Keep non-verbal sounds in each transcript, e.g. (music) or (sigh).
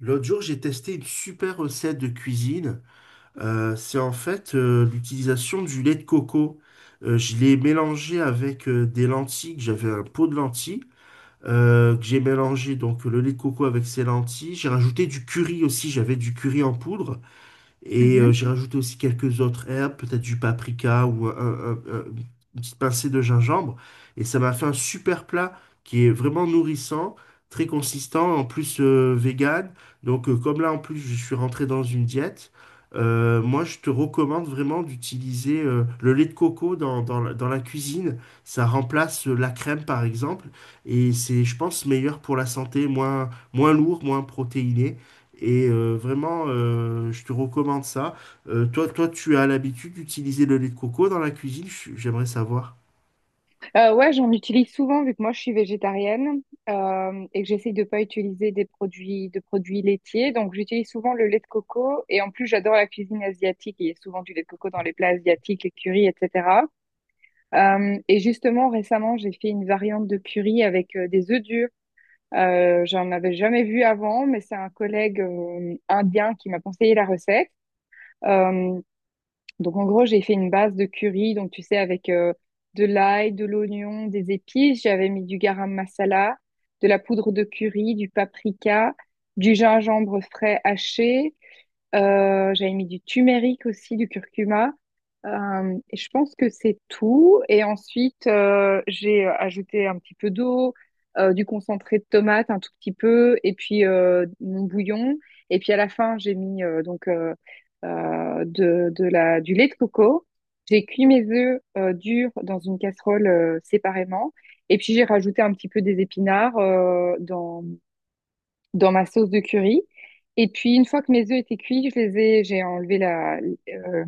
L'autre jour, j'ai testé une super recette de cuisine. C'est en fait l'utilisation du lait de coco. Je l'ai mélangé avec des lentilles, que j'avais un pot de lentilles, que j'ai mélangé donc le lait de coco avec ces lentilles. J'ai rajouté du curry aussi, j'avais du curry en poudre. Mhm. J'ai rajouté aussi quelques autres herbes, peut-être du paprika ou une petite pincée de gingembre. Et ça m'a fait un super plat qui est vraiment nourrissant, très consistant, en plus vegan. Donc comme là en plus je suis rentré dans une diète, moi je te recommande vraiment d'utiliser le lait de coco dans la cuisine. Ça remplace la crème par exemple. Et c'est je pense meilleur pour la santé, moins lourd, moins protéiné. Je te recommande ça. Toi, tu as l'habitude d'utiliser le lait de coco dans la cuisine, j'aimerais savoir. Ouais, j'en utilise souvent vu que moi je suis végétarienne et que j'essaye de pas utiliser des produits laitiers. Donc j'utilise souvent le lait de coco et en plus j'adore la cuisine asiatique. Il y a souvent du lait de coco dans les plats asiatiques, les currys, etc. Et justement récemment j'ai fait une variante de curry avec des œufs durs. J'en avais jamais vu avant, mais c'est un collègue indien qui m'a conseillé la recette. Euh, Donc, en gros, j'ai fait une base de curry, donc tu sais, avec de l'ail, de l'oignon, des épices. J'avais mis du garam masala, de la poudre de curry, du paprika, du gingembre frais haché. J'avais mis du turmeric aussi, du curcuma. Et je pense que c'est tout. Et ensuite, j'ai ajouté un petit peu d'eau, du concentré de tomate, un tout petit peu, et puis mon bouillon. Et puis à la fin, j'ai mis du lait de coco. J'ai cuit mes œufs durs dans une casserole séparément. Et puis j'ai rajouté un petit peu des épinards dans ma sauce de curry. Et puis, une fois que mes œufs étaient cuits, j'ai enlevé euh,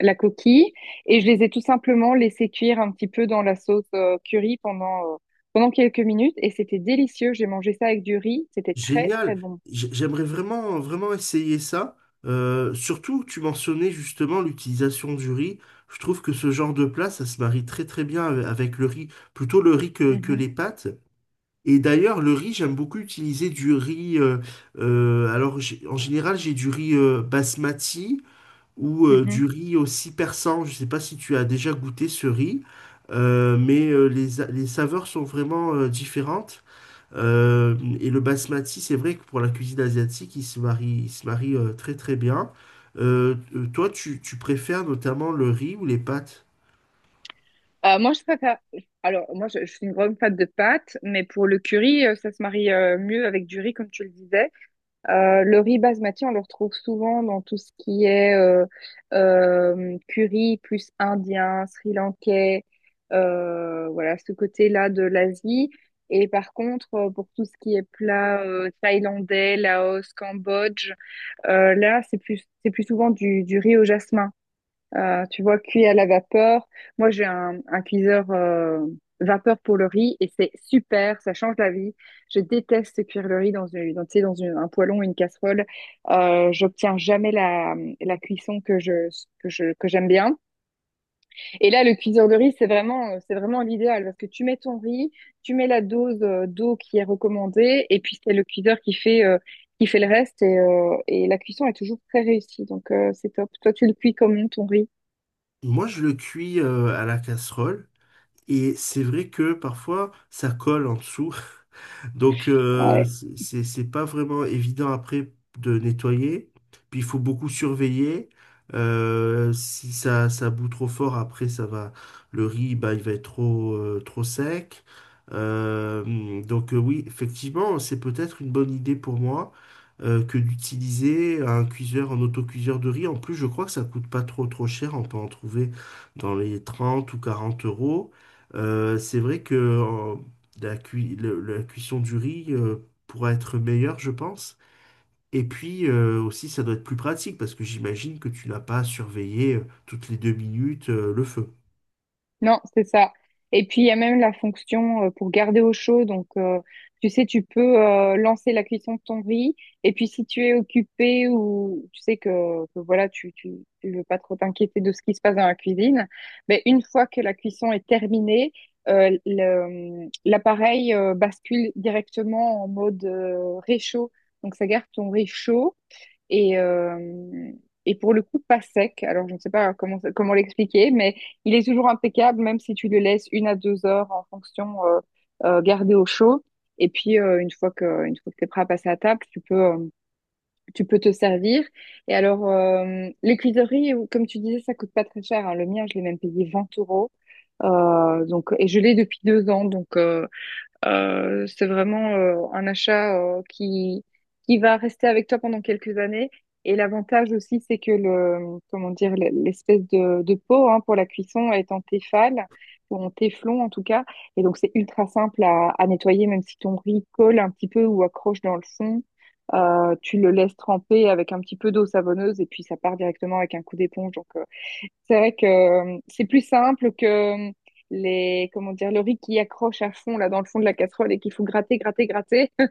la coquille et je les ai tout simplement laissés cuire un petit peu dans la sauce curry pendant, pendant quelques minutes. Et c'était délicieux. J'ai mangé ça avec du riz. C'était très, très Génial. bon. J'aimerais vraiment essayer ça. Surtout, tu mentionnais justement l'utilisation du riz. Je trouve que ce genre de plat, ça se marie très très bien avec le riz, plutôt le riz que Mhm, les pâtes. Et d'ailleurs, le riz, j'aime beaucoup utiliser du riz. En général, j'ai du riz basmati, ou mhm. du riz aussi persan. Je ne sais pas si tu as déjà goûté ce riz, mais les saveurs sont vraiment différentes. Et le basmati, c'est vrai que pour la cuisine asiatique, il se marie très très bien. Tu préfères notamment le riz ou les pâtes? Moi, je préfère. Alors, moi, je suis une grande fan de pâtes, mais pour le curry, ça se marie mieux avec du riz, comme tu le disais. Le riz basmati, on le retrouve souvent dans tout ce qui est curry plus indien, sri-lankais, voilà, ce côté-là de l'Asie. Et par contre, pour tout ce qui est plat thaïlandais, Laos, Cambodge, là, c'est plus souvent du riz au jasmin. Tu vois, cuit à la vapeur. Moi, j'ai un cuiseur vapeur pour le riz et c'est super, ça change la vie. Je déteste cuire le riz tu sais, un poêlon, une casserole. J'obtiens jamais la cuisson que j'aime bien. Et là, le cuiseur de riz, c'est vraiment l'idéal parce que tu mets ton riz, tu mets la dose d'eau qui est recommandée et puis c'est le cuiseur qui fait le reste et la cuisson est toujours très réussie. Donc, c'est top. Toi, tu le cuis comment ton riz? Moi, je le cuis à la casserole. Et c'est vrai que parfois, ça colle en dessous. (laughs) Donc, Ouais. C'est pas vraiment évident après de nettoyer. Puis, il faut beaucoup surveiller. Si ça bout trop fort, après, ça va. Le riz, bah, il va être trop, trop sec. Donc, oui, effectivement, c'est peut-être une bonne idée pour moi que d'utiliser un cuiseur, un autocuiseur de riz. En plus, je crois que ça coûte pas trop cher. On peut en trouver dans les 30 ou 40 euros. C'est vrai que la cuisson du riz pourra être meilleure, je pense. Et puis aussi, ça doit être plus pratique parce que j'imagine que tu n'as pas à surveiller toutes les 2 minutes le feu. Non, c'est ça. Et puis, il y a même la fonction pour garder au chaud. Donc, tu sais, tu peux lancer la cuisson de ton riz. Et puis, si tu es occupé ou tu sais que voilà, tu veux pas trop t'inquiéter de ce qui se passe dans la cuisine, mais une fois que la cuisson est terminée, l'appareil bascule directement en mode réchaud. Donc, ça garde ton riz chaud. Et, euh, et pour le coup, pas sec. Alors, je ne sais pas comment l'expliquer, mais il est toujours impeccable, même si tu le laisses une à 2 heures en fonction, gardé au chaud. Et puis, une fois que tu es prêt à passer à table, tu peux te servir. Et alors, les cuisseries, comme tu disais, ça coûte pas très cher, hein. Le mien, je l'ai même payé 20 euros. Donc, et je l'ai depuis 2 ans. Donc, c'est vraiment un achat qui va rester avec toi pendant quelques années. Et l'avantage aussi, c'est que le, comment dire, l'espèce de pot hein, pour la cuisson est en Tefal, ou en téflon en tout cas. Et donc, c'est ultra simple à nettoyer, même si ton riz colle un petit peu ou accroche dans le fond. Tu le laisses tremper avec un petit peu d'eau savonneuse et puis ça part directement avec un coup d'éponge. Donc, c'est vrai que c'est plus simple que les, comment dire, le riz qui accroche à fond là dans le fond de la casserole et qu'il faut gratter, gratter, gratter. Euh,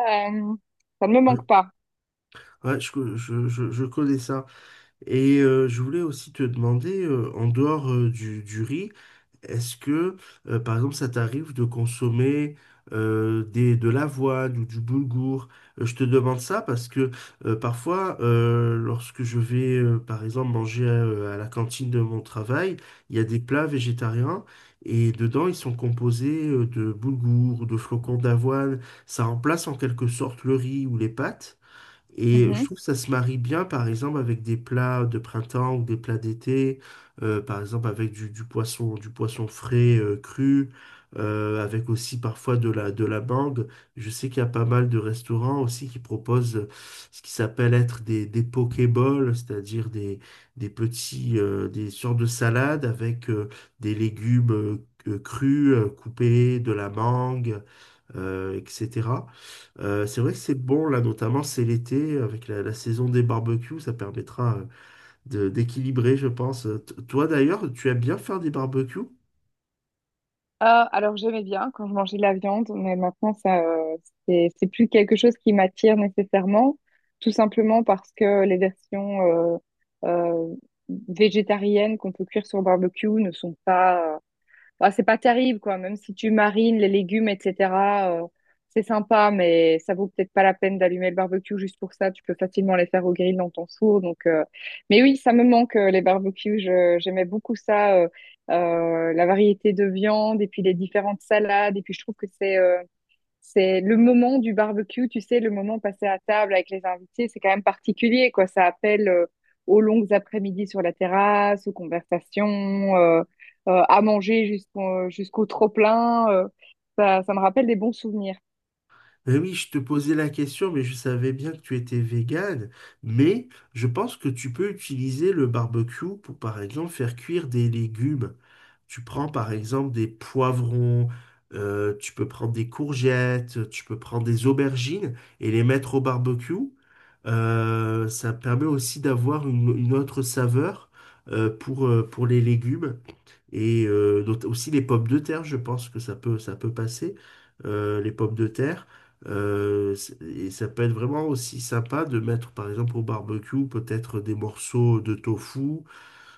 ça ne me Ouais, manque pas. Ouais, je connais ça. Et je voulais aussi te demander, en dehors du riz, est-ce que par exemple, ça t'arrive de consommer de l'avoine ou du boulgour? Je te demande ça parce que parfois, lorsque je vais, par exemple, manger à la cantine de mon travail, il y a des plats végétariens et dedans, ils sont composés de boulgour ou de flocons d'avoine. Ça remplace en quelque sorte le riz ou les pâtes. Et je Mhm. trouve que ça se marie bien, par exemple, avec des plats de printemps ou des plats d'été, par exemple avec du poisson frais, cru, avec aussi parfois de la mangue. Je sais qu'il y a pas mal de restaurants aussi qui proposent ce qui s'appelle être des pokéballs, c'est-à-dire des petits, des sortes de salades avec des légumes crus, coupés, de la mangue etc. C'est vrai que c'est bon, là, notamment, c'est l'été, avec la saison des barbecues, ça permettra d'équilibrer, je pense. Toi, d'ailleurs, tu aimes bien faire des barbecues? Euh, alors j'aimais bien quand je mangeais de la viande, mais maintenant ça, c'est plus quelque chose qui m'attire nécessairement, tout simplement parce que les versions euh, végétariennes qu'on peut cuire sur barbecue ne sont pas bah, c'est pas terrible, quoi. Même si tu marines les légumes, etc., euh, c'est sympa, mais ça vaut peut-être pas la peine d'allumer le barbecue juste pour ça. Tu peux facilement les faire au grill dans ton four. Donc, mais oui, ça me manque, les barbecues. J'aimais beaucoup ça, la variété de viande et puis les différentes salades. Et puis, je trouve que c'est le moment du barbecue, tu sais, le moment passé à table avec les invités, c'est quand même particulier, quoi. Ça appelle aux longues après-midi sur la terrasse, aux conversations, euh, à manger jusqu'au trop-plein. Ça, ça me rappelle des bons souvenirs. Ben oui, je te posais la question, mais je savais bien que tu étais végane. Mais je pense que tu peux utiliser le barbecue pour, par exemple, faire cuire des légumes. Tu prends, par exemple, des poivrons, tu peux prendre des courgettes, tu peux prendre des aubergines et les mettre au barbecue. Ça permet aussi d'avoir une autre saveur, pour les légumes. Et aussi les pommes de terre, je pense que ça peut passer. Les pommes de terre. Et ça peut être vraiment aussi sympa de mettre, par exemple, au barbecue, peut-être des morceaux de tofu.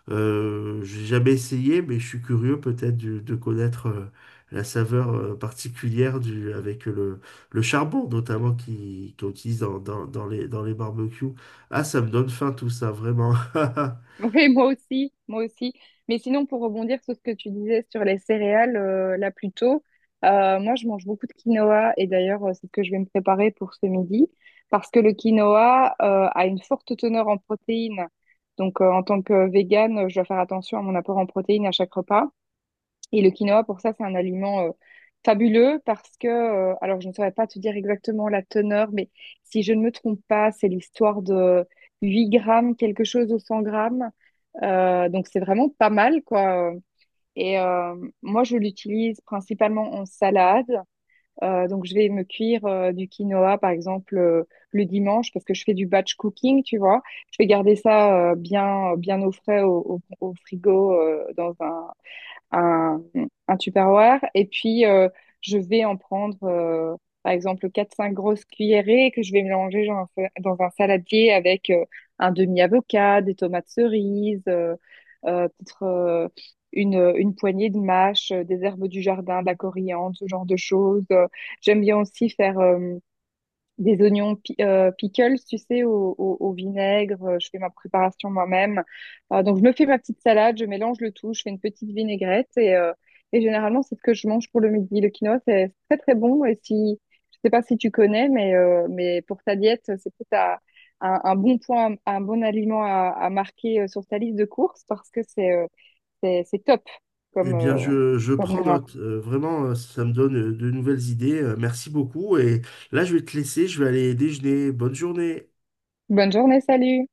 J'ai jamais essayé, mais je suis curieux peut-être de connaître la saveur particulière du, avec le charbon, notamment, qu'on utilise dans les barbecues. Ah, ça me donne faim tout ça, vraiment. (laughs) Oui, moi aussi, moi aussi. Mais sinon, pour rebondir sur ce que tu disais sur les céréales, là plus tôt, moi je mange beaucoup de quinoa et d'ailleurs c'est ce que je vais me préparer pour ce midi parce que le quinoa a une forte teneur en protéines. Donc en tant que végane, je dois faire attention à mon apport en protéines à chaque repas. Et le quinoa, pour ça, c'est un aliment fabuleux parce que, alors je ne saurais pas te dire exactement la teneur, mais si je ne me trompe pas, c'est l'histoire de 8 grammes, quelque chose au 100 grammes. Donc c'est vraiment pas mal, quoi. Et euh, moi, je l'utilise principalement en salade. Donc je vais me cuire du quinoa, par exemple, le dimanche parce que je fais du batch cooking, tu vois. Je vais garder ça bien au frais au frigo dans un, un Tupperware. Et puis, je vais en prendre, par exemple, quatre cinq grosses cuillerées que je vais mélanger dans un saladier avec un demi-avocat, des tomates cerises, euh, peut-être euh, une poignée de mâches, des herbes du jardin, de la coriandre, ce genre de choses. J'aime bien aussi faire des pickles, tu sais, au vinaigre. Je fais ma préparation moi-même. Donc, je me fais ma petite salade, je mélange le tout, je fais une petite vinaigrette et généralement, c'est ce que je mange pour le midi. Le quinoa, c'est très, très bon. Et si, je sais pas si tu connais, mais pour ta diète, c'est peut-être à- un bon point, un bon aliment à marquer sur ta liste de courses parce que c'est c'est top Eh comme, bien, je comme prends gras. note. Ça me donne de nouvelles idées. Merci beaucoup. Et là, je vais te laisser. Je vais aller déjeuner. Bonne journée. Bonne journée, salut!